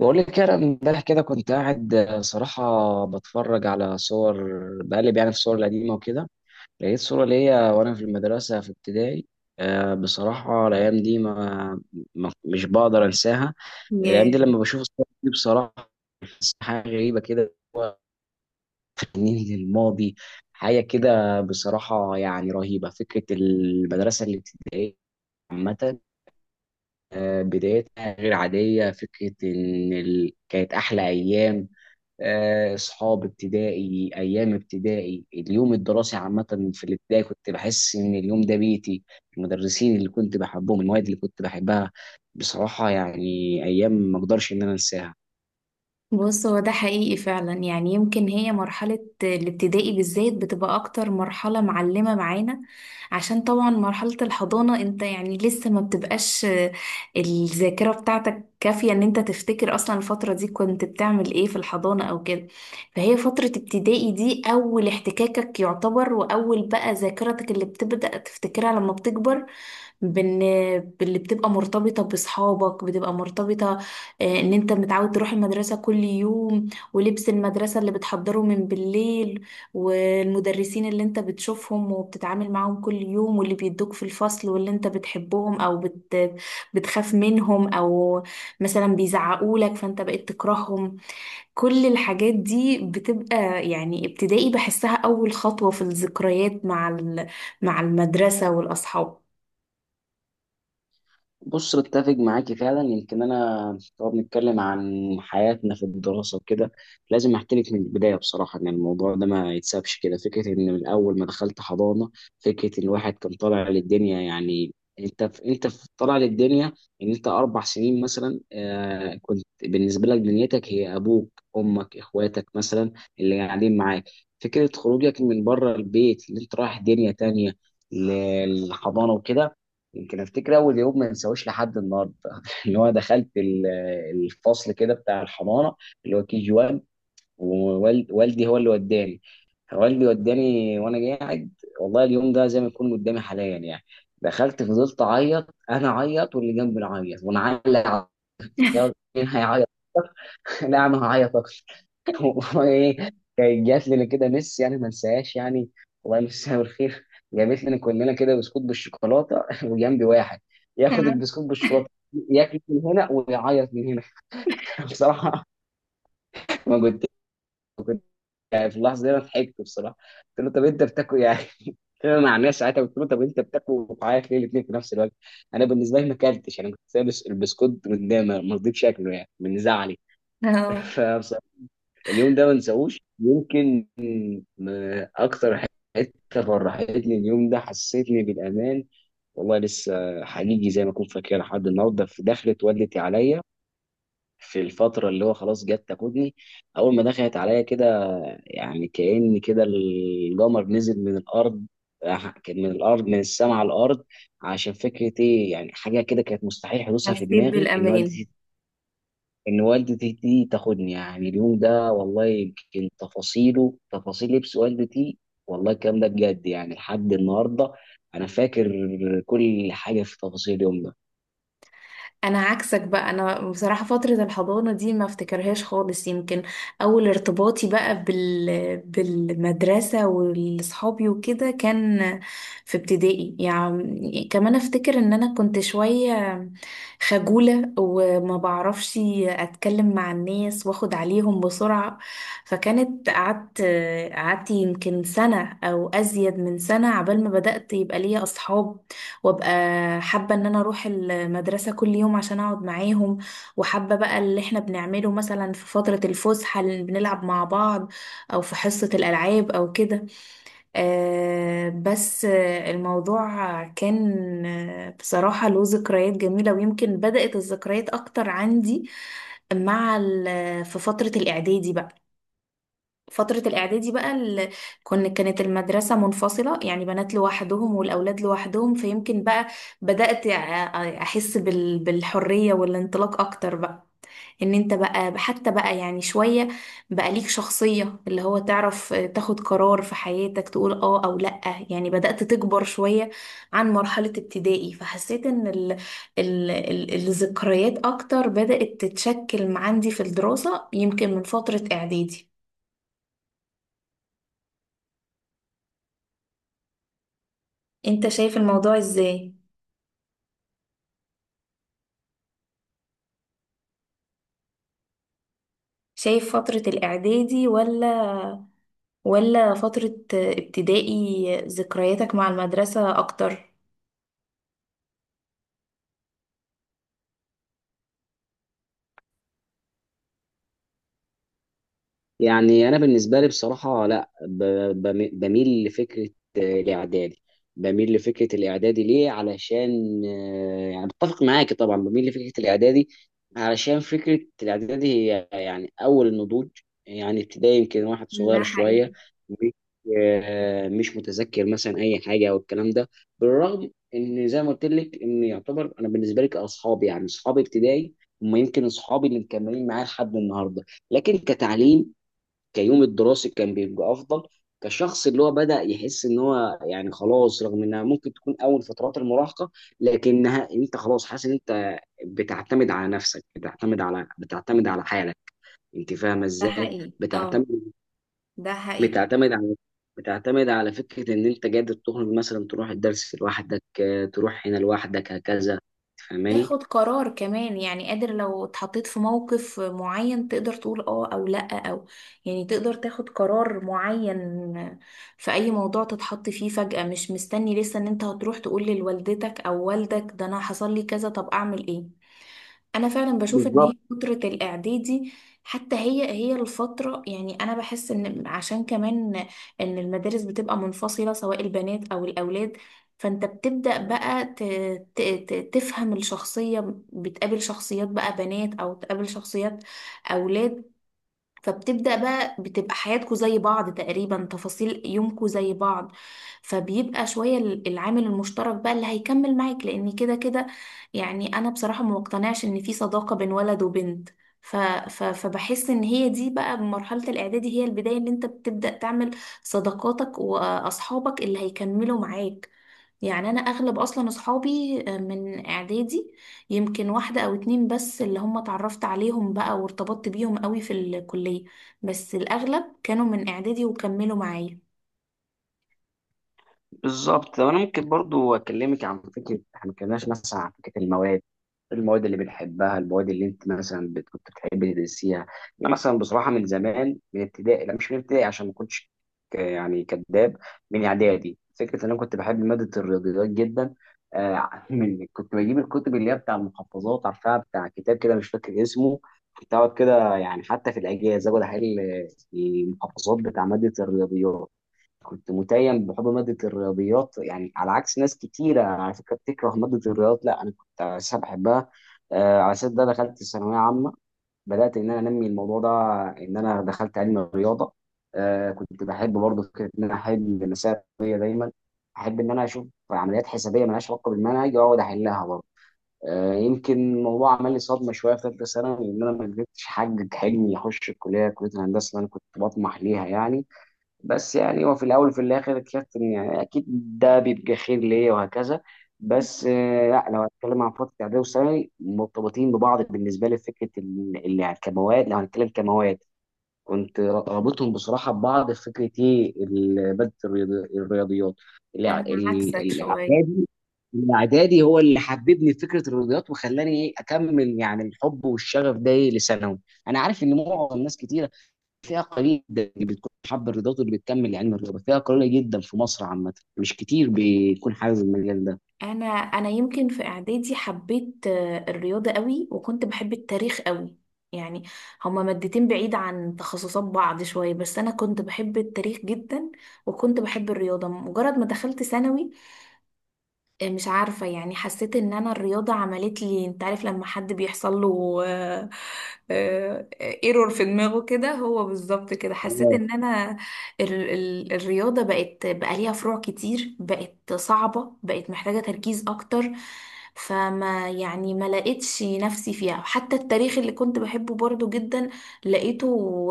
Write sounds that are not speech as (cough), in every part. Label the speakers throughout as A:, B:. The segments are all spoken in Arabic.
A: بقول لك انا امبارح كده كنت قاعد صراحة بتفرج على صور، بقلب يعني في الصور القديمة وكده، لقيت صورة ليا وانا في المدرسة في ابتدائي. بصراحة الأيام دي مش بقدر أنساها. الأيام دي
B: ياه.
A: لما بشوف الصور دي بصراحة بحس حاجة غريبة كده، هو تحنين للماضي، حاجة كده بصراحة يعني رهيبة. فكرة المدرسة الابتدائية عامة، بدايتها غير عادية، فكرة إن كانت أحلى أيام. اصحاب ابتدائي، ايام ابتدائي، اليوم الدراسي عامه، في الابتدائي كنت بحس ان اليوم ده بيتي، المدرسين اللي كنت بحبهم، المواد اللي كنت بحبها بصراحه يعني، ايام ما اقدرش ان انا انساها.
B: بص، هو ده حقيقي فعلا. يعني يمكن هي مرحلة الابتدائي بالذات بتبقى أكتر مرحلة معلمة معانا، عشان طبعا مرحلة الحضانة انت يعني لسه ما بتبقاش الذاكرة بتاعتك كافية ان انت تفتكر أصلا الفترة دي كنت بتعمل ايه في الحضانة أو كده. فهي فترة ابتدائي دي أول احتكاكك يعتبر، وأول بقى ذاكرتك اللي بتبدأ تفتكرها لما بتكبر. بن... باللي بتبقى مرتبطة بصحابك، بتبقى مرتبطة ان انت متعود تروح المدرسة كل يوم، ولبس المدرسة اللي بتحضره من بالليل، والمدرسين اللي انت بتشوفهم وبتتعامل معاهم كل يوم، واللي بيدوك في الفصل، واللي انت بتحبهم بتخاف منهم، او مثلا بيزعقولك فانت بقيت تكرههم. كل الحاجات دي بتبقى يعني ابتدائي بحسها اول خطوة في الذكريات مع المدرسة والاصحاب.
A: بص، بتفق معاكي فعلا. يمكن انا لو بنتكلم عن حياتنا في الدراسه وكده، لازم احكي لك من البدايه بصراحه ان الموضوع ده ما يتسابش كده. فكره ان من اول ما دخلت حضانه، فكره ان الواحد كان طالع للدنيا يعني، انت في طالع للدنيا. ان انت 4 سنين مثلا كنت بالنسبه لك دنيتك هي ابوك، امك، اخواتك مثلا، اللي قاعدين معاك. فكره خروجك من بره البيت، اللي انت رايح دنيا تانية للحضانه وكده. يمكن افتكر اول يوم ما انساهوش لحد النهارده. (laughs) ان هو دخلت الفصل كده بتاع الحضانه، اللي هو كي جي 1. ووالدي هو اللي وداني. والدي وداني وانا قاعد. والله اليوم ده زي ما يكون قدامي حاليا يعني، دخلت فضلت اعيط، انا اعيط واللي جنبي يعيط، وانا علق على- مين هيعيط؟ (laughs) لا انا هعيط. (laughs) والله ايه، كانت جات لنا كده مس يعني ما انساهاش يعني، الله يمسها بالخير. جابت لنا كلنا كده بسكوت بالشوكولاته. (laughs) وجنبي واحد ياخد البسكوت بالشوكولاته، ياكل من هنا ويعيط من هنا. (laughs) بصراحه، ما كنت يعني في اللحظه دي انا ضحكت بصراحه، قلت له طب انت بتاكل إيه؟ يعني (laughs) انا مع الناس ساعتها. قلت له طب انت بتاكل وبتعيط ليه الاثنين في نفس الوقت؟ انا بالنسبه لي ما اكلتش، انا كنت سايب البسكوت قدامي ما رضيتش اكله يعني من زعلي.
B: (laughs)
A: (laughs)
B: اه.
A: فبصراحه اليوم ده ما انساهوش، يمكن اكتر حته فرحتني اليوم ده، حسيتني بالامان. والله لسه حقيقي زي ما كنت فاكر لحد النهارده، في دخلت ولت عليا في الفتره اللي هو خلاص جت تاخدني. اول ما دخلت عليا كده يعني كأن كده القمر نزل من الارض. كان من السماء على الارض. عشان فكره ايه يعني، حاجه كده كانت مستحيل حدوثها في
B: حسيت
A: دماغي، ان
B: بالامان.
A: والدتي ان والدتي دي تاخدني يعني. اليوم ده والله يمكن تفاصيله، تفاصيل لبس والدتي، والله الكلام ده بجد يعني لحد النهارده، انا فاكر كل حاجه في تفاصيل اليوم ده.
B: انا عكسك بقى. انا بصراحه فتره الحضانه دي ما افتكرهاش خالص. يمكن اول ارتباطي بقى بال بالمدرسه واصحابي وكده كان في ابتدائي. يعني كمان افتكر ان انا كنت شويه خجوله وما بعرفش اتكلم مع الناس واخد عليهم بسرعه. فكانت قعدت يمكن سنه او ازيد من سنه عبال ما بدات يبقى ليا اصحاب، وابقى حابة ان انا اروح المدرسة كل يوم عشان اقعد معاهم، وحابة بقى اللي احنا بنعمله مثلا في فترة الفسحة اللي بنلعب مع بعض، او في حصة الالعاب او كده. بس الموضوع كان بصراحة له ذكريات جميلة. ويمكن بدأت الذكريات اكتر عندي في فترة الاعدادي بقى. فترة الإعدادي بقى ال... كن كانت المدرسة منفصلة، يعني بنات لوحدهم والأولاد لوحدهم. فيمكن بقى بدأت أحس بالحرية والانطلاق أكتر بقى. إن أنت بقى حتى بقى يعني شوية بقى ليك شخصية، اللي هو تعرف تاخد قرار في حياتك، تقول آه أو لأ. يعني بدأت تكبر شوية عن مرحلة ابتدائي. فحسيت إن الذكريات أكتر بدأت تتشكل عندي في الدراسة يمكن من فترة إعدادي. انت شايف الموضوع ازاي؟ شايف فترة الاعدادي ولا فترة ابتدائي ذكرياتك مع المدرسة اكتر؟
A: يعني انا بالنسبه لي بصراحه، لا بميل لفكره الاعدادي. بميل لفكره الاعدادي ليه؟ علشان يعني بتفق معاكي طبعا، بميل لفكره الاعدادي علشان فكره الاعدادي هي يعني اول النضوج. يعني ابتدائي يمكن واحد
B: ده
A: صغير
B: حقيقي.
A: شويه، مش مش متذكر مثلا اي حاجه او الكلام ده، بالرغم ان زي ما قلت لك ان يعتبر انا بالنسبه لي كاصحابي يعني، اصحابي ابتدائي هم يمكن اصحابي اللي مكملين معايا لحد النهارده. لكن كتعليم، كيوم الدراسي كان بيبقى افضل. كشخص اللي هو بدأ يحس ان هو يعني خلاص، رغم انها ممكن تكون اول فترات المراهقة، لكنها انت خلاص حاسس ان انت بتعتمد على نفسك، بتعتمد على حالك. انت فاهمة
B: ده
A: ازاي؟
B: حقيقي. اه. ده حقيقي.
A: بتعتمد على بتعتمد على فكرة ان انت قادر تخرج مثلا، تروح الدرس لوحدك، تروح هنا لوحدك هكذا، فاهماني؟
B: تاخد قرار كمان، يعني قادر لو اتحطيت في موقف معين تقدر تقول اه او لا، او يعني تقدر تاخد قرار معين في اي موضوع تتحط فيه فجأة. مش مستني لسه ان انت هتروح تقول لوالدتك او والدك ده انا حصل لي كذا طب اعمل ايه. انا فعلا بشوف ان هي
A: بالظبط.
B: فترة الاعدادي حتى هي هي الفترة. يعني انا بحس ان عشان كمان ان المدارس بتبقى منفصلة سواء البنات او الاولاد، فانت بتبدأ بقى تفهم الشخصية. بتقابل شخصيات بقى بنات او تقابل شخصيات اولاد. فبتبدأ بقى بتبقى حياتكوا زي بعض تقريبا، تفاصيل يومكوا زي بعض. فبيبقى شوية العامل المشترك بقى اللي هيكمل معاك، لأن كده كده. يعني أنا بصراحة ما مقتنعش إن في صداقة بين ولد وبنت. ف... فبحس إن هي دي بقى بمرحلة الإعدادي هي البداية اللي أنت بتبدأ تعمل صداقاتك وأصحابك اللي هيكملوا معاك. يعني انا اغلب اصلا اصحابي من اعدادي. يمكن واحده او اتنين بس اللي هم اتعرفت عليهم بقى وارتبطت بيهم قوي في الكليه، بس الاغلب كانوا من اعدادي وكملوا معايا.
A: بالظبط، طب انا ممكن برضو اكلمك عن فكره، احنا ما اتكلمناش مثلا عن فكره المواد، المواد اللي بنحبها، المواد اللي انت مثلا كنت بتحبي تدرسيها. انا مثلا بصراحه من زمان من ابتدائي، لا مش من ابتدائي عشان ما كنتش يعني كذاب، من اعدادي فكره ان انا كنت بحب ماده الرياضيات جدا. (laughs) من كنت بجيب الكتب اللي هي بتاع المحفظات، عارفها بتاع كتاب كده مش فاكر اسمه، كنت اقعد كده يعني حتى في الاجازه اقعد احل المحفظات بتاع ماده الرياضيات. كنت متيم بحب مادة الرياضيات يعني، على عكس ناس كتيرة على فكرة بتكره مادة الرياضيات، لا أنا كنت أساسا بحبها. على أساس ده دخلت الثانوية عامة، بدأت إن أنا أنمي الموضوع ده، إن أنا دخلت علم الرياضة. كنت بحب برضه فكرة إن أنا أحل مسائل رياضية دايما، أحب إن أنا أشوف عمليات حسابية مالهاش علاقة بالمنهج وأقعد أحلها برضه. يمكن الموضوع عمل لي صدمة شوية في ثالثة ثانوي، إن أنا ما قدرتش أحقق حلمي، أخش الكلية كلية الهندسة اللي أنا كنت بطمح ليها يعني. بس يعني هو في الاول وفي الاخر اكتشفت ان يعني اكيد ده بيبقى خير ليا وهكذا. بس لا لو هتكلم عن فتره اعدادي وثانوي مرتبطين ببعض بالنسبه لي، في فكره اللي يعني كمواد، لو هنتكلم كمواد كنت رابطهم بصراحه ببعض، في فكره ايه، ماده الرياضيات،
B: انا عكسك شوية.
A: الاعدادي. الاعدادي هو اللي حببني في فكره الرياضيات وخلاني ايه اكمل يعني الحب والشغف ده إيه لثانوي. انا عارف ان معظم ناس كتير، فئة قليلة جدًا اللي بتكون حابة الرياضات واللي بتكمل لعلم الرياضة، فئة قليلة جدًا في مصر عامةً، مش كتير بيكون حابب المجال ده.
B: انا يمكن في اعدادي حبيت الرياضه قوي، وكنت بحب التاريخ قوي. يعني هما مادتين بعيد عن تخصصات بعض شويه، بس انا كنت بحب التاريخ جدا، وكنت بحب الرياضه. مجرد ما دخلت ثانوي مش عارفة يعني حسيت ان انا الرياضة عملت لي، انت عارف لما حد بيحصل له ايرور في دماغه كده، هو بالظبط كده حسيت
A: آه،
B: ان انا ال ال الرياضة بقت بقى ليها فروع كتير، بقت صعبة، بقت محتاجة تركيز اكتر. فما يعني ما لقيتش نفسي فيها. حتى التاريخ اللي كنت بحبه برضو جدا لقيته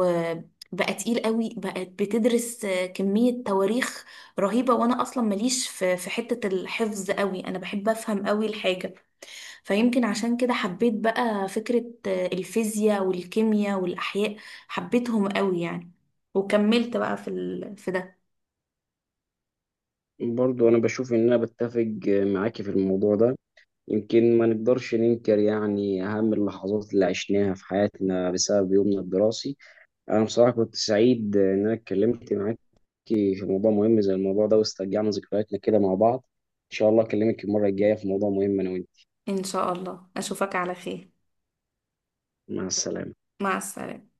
B: آه، بقى تقيل قوي، بقت بتدرس كمية تواريخ رهيبة. وانا اصلا ماليش في حتة الحفظ قوي، انا بحب افهم قوي الحاجة. فيمكن عشان كده حبيت بقى فكرة الفيزياء والكيمياء والاحياء، حبيتهم قوي يعني. وكملت بقى في ده.
A: برضه أنا باشوف إن أنا باتفق معاك في الموضوع ده، يمكن ما نقدرش ننكر يعني أهم اللحظات اللي عشناها في حياتنا بسبب يومنا الدراسي. أنا بصراحة كنت سعيد إن أنا اتكلمت معاك في موضوع مهم زي الموضوع ده، واسترجعنا ذكرياتنا كده مع بعض. إن شاء الله أكلمك المرة الجاية في موضوع مهم أنا وأنت.
B: ان شاء الله اشوفك على خير.
A: مع السلامة.
B: مع السلامة